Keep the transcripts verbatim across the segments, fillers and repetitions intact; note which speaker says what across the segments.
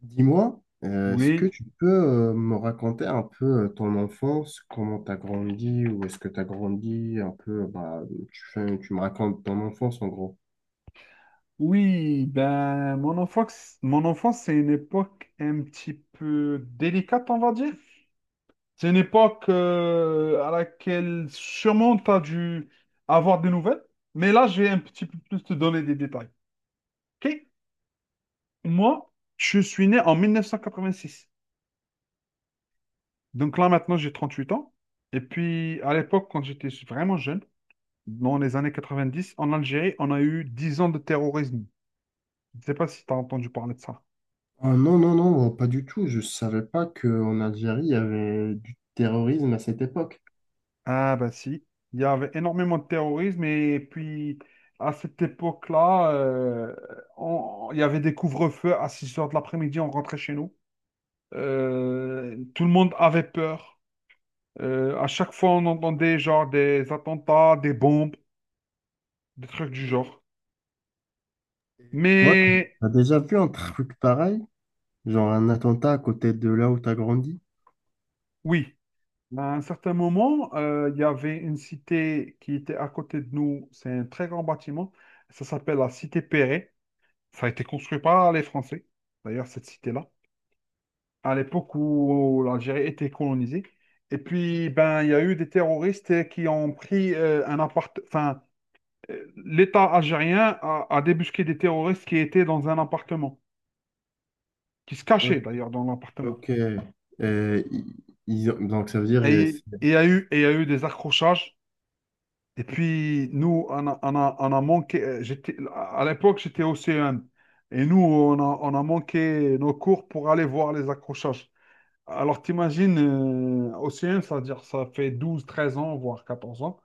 Speaker 1: Dis-moi, euh, est-ce que
Speaker 2: Oui,
Speaker 1: tu peux euh, me raconter un peu euh, ton enfance, comment tu as grandi, ou est-ce que tu as grandi un peu, bah, tu fais, tu me racontes ton enfance en gros.
Speaker 2: oui, ben mon enfance, mon enfance, c'est une époque un petit peu délicate, on va dire. C'est une époque euh, à laquelle sûrement tu as dû avoir des nouvelles, mais là, je vais un petit peu plus te donner des détails. OK? Moi, je suis né en mille neuf cent quatre-vingt-six. Donc là, maintenant, j'ai trente-huit ans. Et puis, à l'époque, quand j'étais vraiment jeune, dans les années quatre-vingt-dix, en Algérie, on a eu dix ans de terrorisme. Je ne sais pas si tu as entendu parler de ça.
Speaker 1: Ah, non, non, non, pas du tout. Je savais pas qu'en Algérie, il y avait du terrorisme à cette époque.
Speaker 2: Ah bah si, il y avait énormément de terrorisme et puis à cette époque-là, euh, on- il y avait des couvre-feux à six heures de l'après-midi, on rentrait chez nous. Euh, tout le monde avait peur. Euh, à chaque fois, on entendait genre des attentats, des bombes, des trucs du genre.
Speaker 1: Toi, tu
Speaker 2: Mais
Speaker 1: as déjà vu un truc pareil, genre un attentat à côté de là où tu as grandi?
Speaker 2: oui, à un certain moment, euh, il y avait une cité qui était à côté de nous, c'est un très grand bâtiment, ça s'appelle la cité Perret, ça a été construit par les Français, d'ailleurs cette cité-là, à l'époque où l'Algérie était colonisée. Et puis, ben, il y a eu des terroristes qui ont pris euh, un appart... Enfin, euh, l'État algérien a, a débusqué des terroristes qui étaient dans un appartement, qui se cachaient
Speaker 1: O-
Speaker 2: d'ailleurs dans l'appartement.
Speaker 1: Ok. Euh, ils- ils ont- donc ça veut dire. euh,
Speaker 2: Et
Speaker 1: c'est-
Speaker 2: et il y a eu, et il y a eu des accrochages. Et puis, nous, on a, on a, on a manqué... euh, J'étais, à l'époque, j'étais au C E M. Et nous, on a, on a manqué nos cours pour aller voir les accrochages. Alors, t'imagines, euh, océan, c'est-à-dire ça fait douze, treize ans, voire quatorze ans,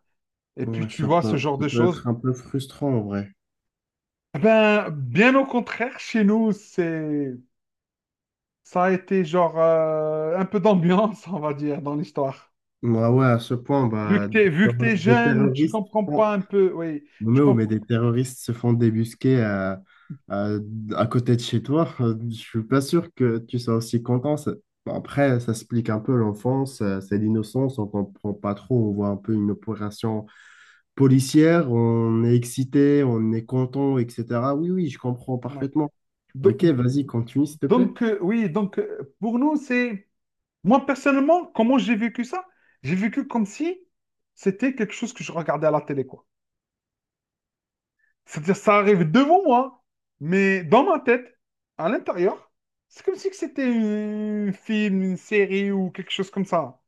Speaker 2: et puis
Speaker 1: Ouais,
Speaker 2: tu
Speaker 1: ça
Speaker 2: vois ce
Speaker 1: peut,
Speaker 2: genre
Speaker 1: ça
Speaker 2: de
Speaker 1: peut
Speaker 2: choses.
Speaker 1: être un peu frustrant en vrai.
Speaker 2: Eh ben, bien au contraire, chez nous, c'est, ça a été genre euh, un peu d'ambiance, on va dire, dans l'histoire.
Speaker 1: Moi, ouais, à ce point,
Speaker 2: Vu que
Speaker 1: bah, des,
Speaker 2: t'es, vu que
Speaker 1: terro-
Speaker 2: t'es
Speaker 1: des
Speaker 2: jeune, tu
Speaker 1: terroristes se
Speaker 2: comprends
Speaker 1: font.
Speaker 2: pas un peu, oui, tu
Speaker 1: Mais, oh, mais
Speaker 2: comprends.
Speaker 1: des terroristes se font débusquer à, à, à côté de chez toi. Euh, Je suis pas sûr que tu sois aussi content. Ça- bon, après, ça explique un peu l'enfance, euh, c'est l'innocence, on comprend pas trop. On voit un peu une opération policière, on est excité, on est content, et cetera. Oui, oui, je comprends
Speaker 2: Voilà.
Speaker 1: parfaitement.
Speaker 2: Do-
Speaker 1: Ok, vas-y, continue, s'il te plaît.
Speaker 2: Donc, euh, oui, donc euh, pour nous, c'est, moi personnellement, comment j'ai vécu ça? J'ai vécu comme si c'était quelque chose que je regardais à la télé, quoi. C'est-à-dire, ça arrive devant moi, mais dans ma tête, à l'intérieur, c'est comme si que c'était un film, une série ou quelque chose comme ça.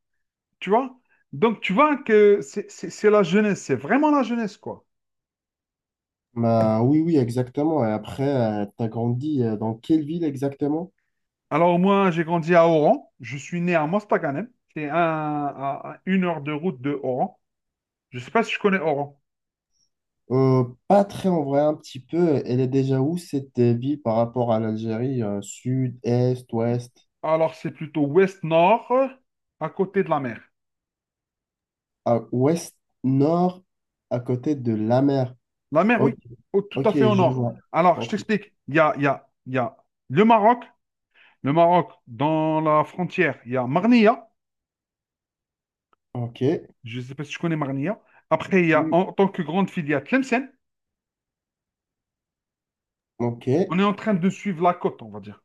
Speaker 2: Tu vois? Donc, tu vois que c'est c'est- c'est la jeunesse, c'est vraiment la jeunesse, quoi.
Speaker 1: Bah, oui, oui, exactement. Et après, tu as grandi euh, dans quelle ville exactement?
Speaker 2: Alors, moi, j'ai grandi à Oran. Je suis né à Mostaganem. C'est un- à, à une heure de route de Oran. Je ne sais pas si je connais Oran.
Speaker 1: Euh, pas très en vrai, un petit peu. Elle est déjà où cette euh, ville par rapport à l'Algérie? Euh, sud, est, ouest,
Speaker 2: Alors, c'est plutôt ouest-nord, à côté de la mer.
Speaker 1: à, ouest, nord, à côté de la mer.
Speaker 2: La mer,
Speaker 1: Ok,
Speaker 2: oui, au- tout
Speaker 1: ok,
Speaker 2: à fait au
Speaker 1: je
Speaker 2: nord.
Speaker 1: vois.
Speaker 2: Alors, je
Speaker 1: Ok,
Speaker 2: t'explique. Il y a, il y a, il y a le Maroc. Le Maroc, dans la frontière, il y a Marnia.
Speaker 1: ok,
Speaker 2: Je ne sais pas si tu connais Marnia. Après, il y a
Speaker 1: oui,
Speaker 2: en tant que grande filiale, il y a Tlemcen.
Speaker 1: ok.
Speaker 2: On est en train de suivre la côte, on va dire.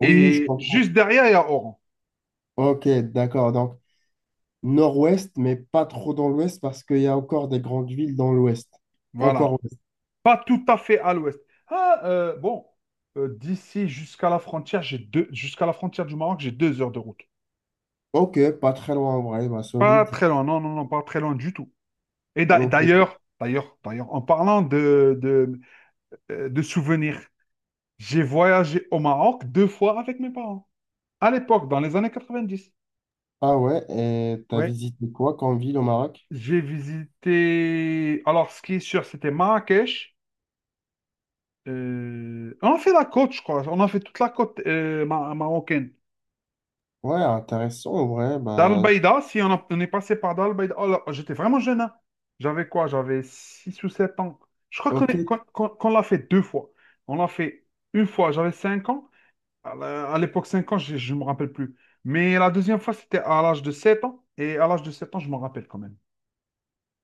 Speaker 1: Oui, oui, je
Speaker 2: Et
Speaker 1: comprends.
Speaker 2: juste derrière, il y a Oran.
Speaker 1: Ok, d'accord. Donc, nord-ouest, mais pas trop dans l'ouest parce qu'il y a encore des grandes villes dans l'ouest. Encore
Speaker 2: Voilà.
Speaker 1: ouest.
Speaker 2: Pas tout à fait à l'ouest. Ah, euh, bon, euh, d'ici jusqu'à la frontière, j'ai deux, jusqu'à la frontière du Maroc, j'ai deux heures de route.
Speaker 1: Ok, pas très loin en vrai, bah,
Speaker 2: Pas
Speaker 1: solide.
Speaker 2: très loin, non, non, non, pas très loin du tout. Et d'a-
Speaker 1: Ok.
Speaker 2: d'ailleurs, d'ailleurs, d'ailleurs, en parlant de, de, euh, de souvenirs, j'ai voyagé au Maroc deux fois avec mes parents. À l'époque, dans les années quatre-vingt-dix,
Speaker 1: Ah ouais, et t'as
Speaker 2: ouais,
Speaker 1: visité quoi comme ville au Maroc?
Speaker 2: j'ai visité. Alors, ce qui est sûr, c'était Marrakech. Euh, On a fait la côte, je crois. On a fait toute la côte euh, ma- marocaine.
Speaker 1: Ouais, intéressant, en vrai.
Speaker 2: Dar el
Speaker 1: Bah,
Speaker 2: Beida, si on, a- on est passé par Dar el Beida. Oh là, j'étais vraiment jeune, hein. J'avais quoi? J'avais six ou sept ans. Je crois qu'on
Speaker 1: ok.
Speaker 2: est- qu'on, qu'on- qu'on l'a fait deux fois. On l'a fait une fois, j'avais cinq ans. À la- à l'époque, cinq ans, je ne me rappelle plus. Mais la deuxième fois, c'était à l'âge de sept ans. Et à l'âge de sept ans, je m'en rappelle quand même.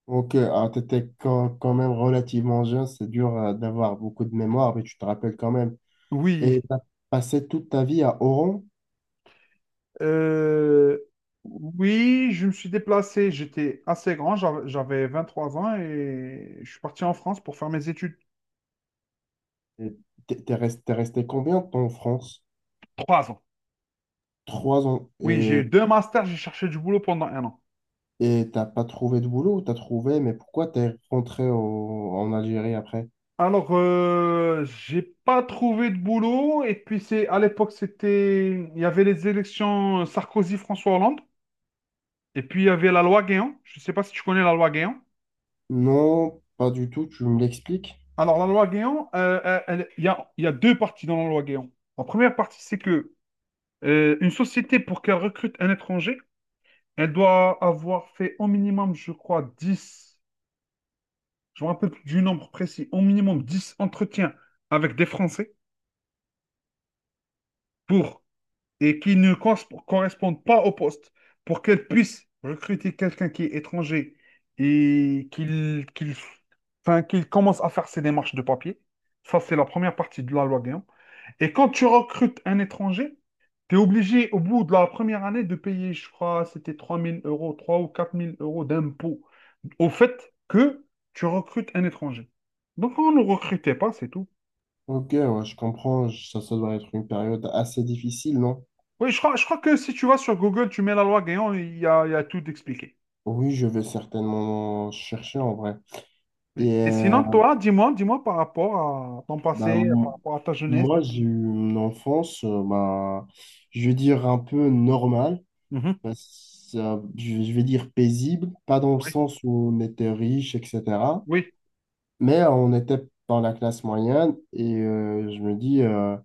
Speaker 1: Donc, euh, alors, t'étais quand, quand même relativement jeune, c'est dur euh, d'avoir beaucoup de mémoire, mais tu te rappelles quand même. Et
Speaker 2: Oui,
Speaker 1: t'as passé toute ta vie à Oran.
Speaker 2: Euh, oui, je me suis déplacé. J'étais assez grand, j'av- j'avais trois ans et je suis parti en France pour faire mes études.
Speaker 1: Et T'es t'es resté, t'es resté combien de temps en France?
Speaker 2: Trois ans.
Speaker 1: Trois ans.
Speaker 2: Oui, j'ai
Speaker 1: Et
Speaker 2: eu deux masters, j'ai cherché du boulot pendant un an.
Speaker 1: et t'as pas trouvé de boulot, ou t'as trouvé, mais pourquoi t'es rentré au- en Algérie après?
Speaker 2: Alors, euh, j'ai pas trouvé de boulot et puis c'est à l'époque c'était il y avait les élections Sarkozy-François Hollande et puis il y avait la loi Guéant. Je ne sais pas si tu connais la loi Guéant.
Speaker 1: Non, pas du tout, tu me l'expliques?
Speaker 2: Alors la loi Guéant, euh, elle- elle- il y a, il y a deux parties dans la loi Guéant. La première partie c'est que Euh, une société, pour qu'elle recrute un étranger, elle doit avoir fait au minimum, je crois, dix, je me rappelle plus du nombre précis, au minimum dix entretiens avec des Français pour et qui ne cons- correspondent pas au poste pour qu'elle puisse recruter quelqu'un qui est étranger et qu'il qu'il enfin, qu'il commence à faire ses démarches de papier. Ça, c'est la première partie de la loi Guillaume. Et quand tu recrutes un étranger, tu es obligé, au bout de la première année, de payer, je crois, c'était trois mille euros, trois ou quatre mille euros d'impôts au fait que tu recrutes un étranger. Donc, on ne recrutait pas, c'est tout.
Speaker 1: Ok, ouais, je comprends, je- ça, ça doit être une période assez difficile, non?
Speaker 2: Oui, je crois, je crois que si tu vas sur Google, tu mets la loi Guéant, il y a, il y a tout expliqué.
Speaker 1: Oui, je vais certainement chercher en vrai.
Speaker 2: Oui.
Speaker 1: Et
Speaker 2: Et
Speaker 1: euh,
Speaker 2: sinon, toi, dis-moi, dis-moi par rapport à ton
Speaker 1: bah,
Speaker 2: passé,
Speaker 1: m-
Speaker 2: par rapport à ta jeunesse.
Speaker 1: moi, j'ai eu une enfance, euh, bah, je vais dire un peu normale,
Speaker 2: Mhm.
Speaker 1: parce- euh, je je vais dire paisible, pas dans le
Speaker 2: Oui,
Speaker 1: sens où on était riche, et cetera.
Speaker 2: oui.
Speaker 1: Mais euh, on était dans la classe moyenne et euh, je me dis, euh,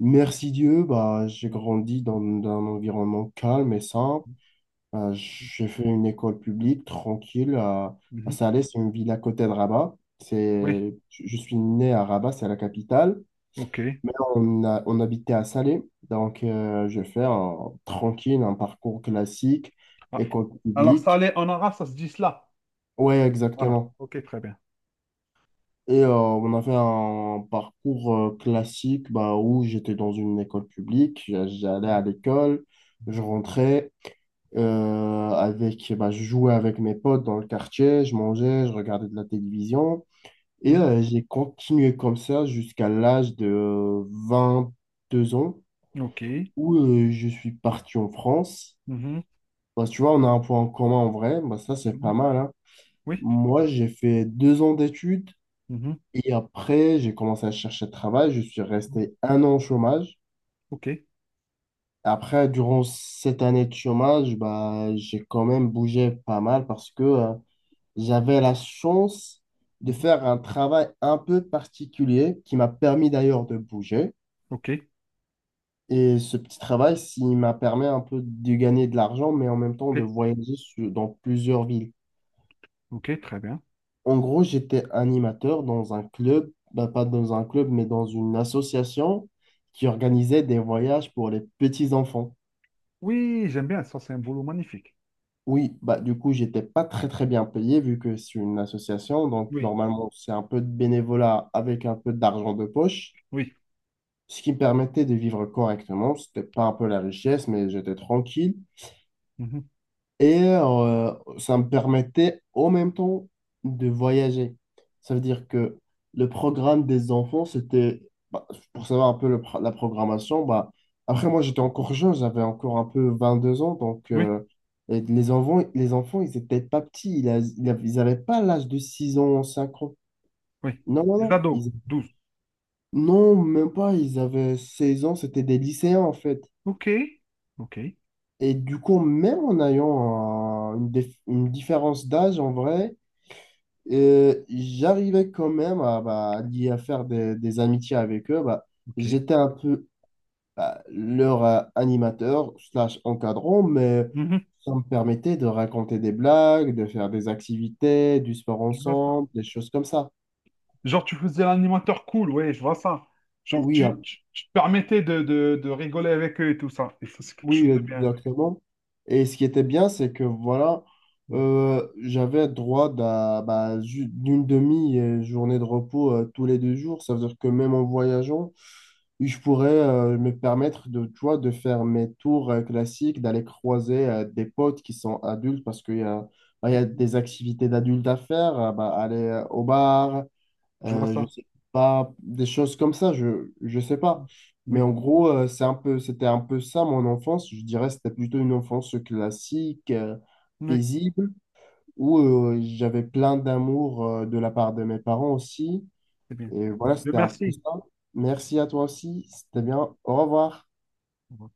Speaker 1: merci Dieu, bah, j'ai grandi dans, dans un environnement calme et simple. Euh, j'ai fait une école publique tranquille à, à
Speaker 2: Mhm.
Speaker 1: Salé, c'est une ville à côté de Rabat.
Speaker 2: Oui,
Speaker 1: C'est, je je suis né à Rabat, c'est la capitale.
Speaker 2: ok.
Speaker 1: Mais on, a- on habitait à Salé, donc euh, je fais un, tranquille un parcours classique,
Speaker 2: Ah,
Speaker 1: école
Speaker 2: alors, ça
Speaker 1: publique.
Speaker 2: allait en arabe, ça se dit cela.
Speaker 1: Ouais,
Speaker 2: Voilà,
Speaker 1: exactement.
Speaker 2: ok, très bien.
Speaker 1: Et euh, on a fait un parcours euh, classique, bah, où j'étais dans une école publique, j'a- j'allais
Speaker 2: Mhm.
Speaker 1: à l'école, je rentrais, euh, avec, bah, je jouais avec mes potes dans le quartier, je mangeais, je regardais de la télévision. Et
Speaker 2: Mhm.
Speaker 1: euh, j'ai continué comme ça jusqu'à l'âge de vingt-deux ans,
Speaker 2: Ok.
Speaker 1: où euh, je suis parti en France.
Speaker 2: Mhm.
Speaker 1: Bah, tu vois, on a un point en commun en vrai. Bah, ça, c'est pas
Speaker 2: Mhm.
Speaker 1: mal, hein.
Speaker 2: Oui.
Speaker 1: Moi, j'ai fait deux ans d'études
Speaker 2: Mhm.
Speaker 1: et après, j'ai commencé à chercher de travail. Je suis resté un an au chômage.
Speaker 2: Ok.
Speaker 1: Après, durant cette année de chômage, bah, j'ai quand même bougé pas mal parce que euh, j'avais la chance de
Speaker 2: Mhm.
Speaker 1: faire un travail un peu particulier qui m'a permis d'ailleurs de bouger.
Speaker 2: Ok.
Speaker 1: Et ce petit travail, il m'a permis un peu de gagner de l'argent, mais en même temps de
Speaker 2: Ok.
Speaker 1: voyager sur- dans plusieurs villes.
Speaker 2: Ok, très bien.
Speaker 1: En gros, j'étais animateur dans un club, bah, pas dans un club, mais dans une association qui organisait des voyages pour les petits-enfants.
Speaker 2: Oui, j'aime bien. Ça, c'est un boulot magnifique.
Speaker 1: Oui, bah, du coup, j'étais pas très très bien payé vu que c'est une association, donc
Speaker 2: Oui.
Speaker 1: normalement, c'est un peu de bénévolat avec un peu d'argent de poche,
Speaker 2: Oui.
Speaker 1: ce qui me permettait de vivre correctement. C'était pas un peu la richesse, mais j'étais tranquille.
Speaker 2: Mhm.
Speaker 1: Et euh, ça me permettait en même temps de voyager. Ça veut dire que le programme des enfants, c'était, bah, pour savoir un peu le pro- la programmation, bah, après
Speaker 2: Mhm.
Speaker 1: moi j'étais encore jeune, j'avais encore un peu vingt-deux ans, donc
Speaker 2: Oui.
Speaker 1: euh, et les enfants, les enfants, ils étaient pas petits, ils a- ils avaient ils n'avaient pas l'âge de six ans, cinq ans.
Speaker 2: Oui.
Speaker 1: Non, non,
Speaker 2: Les
Speaker 1: non.
Speaker 2: ados,
Speaker 1: Ils-
Speaker 2: douze.
Speaker 1: Non, même pas, ils avaient seize ans, c'était des lycéens en fait.
Speaker 2: Ok. Ok.
Speaker 1: Et du coup, même en ayant un- une, dif- une différence d'âge en vrai, et j'arrivais quand même à, bah, lier- à faire des, des amitiés avec eux. Bah,
Speaker 2: Ok.
Speaker 1: j'étais un peu bah, leur euh, animateur slash encadrant, mais
Speaker 2: Mhm.
Speaker 1: ça me permettait de raconter des blagues, de faire des activités, du sport
Speaker 2: Je vois ça.
Speaker 1: ensemble, des choses comme ça.
Speaker 2: Genre, tu faisais l'animateur cool, ouais, je vois ça. Genre,
Speaker 1: Oui,
Speaker 2: tu,
Speaker 1: un
Speaker 2: tu, tu te permettais de, de, de rigoler avec eux et tout ça. Et ça, c'est quelque
Speaker 1: oui,
Speaker 2: chose de bien.
Speaker 1: exactement. Et ce qui était bien, c'est que voilà, euh, j'avais droit d'un- bah, ju- d'une demi-journée de repos euh, tous les deux jours. Ça veut dire que même en voyageant, je pourrais euh, me permettre de, tu vois, de faire mes tours euh, classiques, d'aller croiser euh, des potes qui sont adultes parce qu'il y a, bah, il y a des activités d'adultes à faire, euh, bah, aller euh, au bar,
Speaker 2: Je vois
Speaker 1: euh, je
Speaker 2: ça.
Speaker 1: sais pas, des choses comme ça, je, je sais pas. Mais
Speaker 2: Oui,
Speaker 1: en gros, euh, c'est un peu, c'était un peu ça mon enfance. Je dirais c'était plutôt une enfance classique, euh,
Speaker 2: oui,
Speaker 1: paisible, où euh, j'avais plein d'amour euh, de la part de mes parents aussi.
Speaker 2: c'est bien.
Speaker 1: Et voilà,
Speaker 2: Dieu
Speaker 1: c'était un peu
Speaker 2: merci.
Speaker 1: ça. Merci à toi aussi, c'était bien. Au revoir.
Speaker 2: Mm.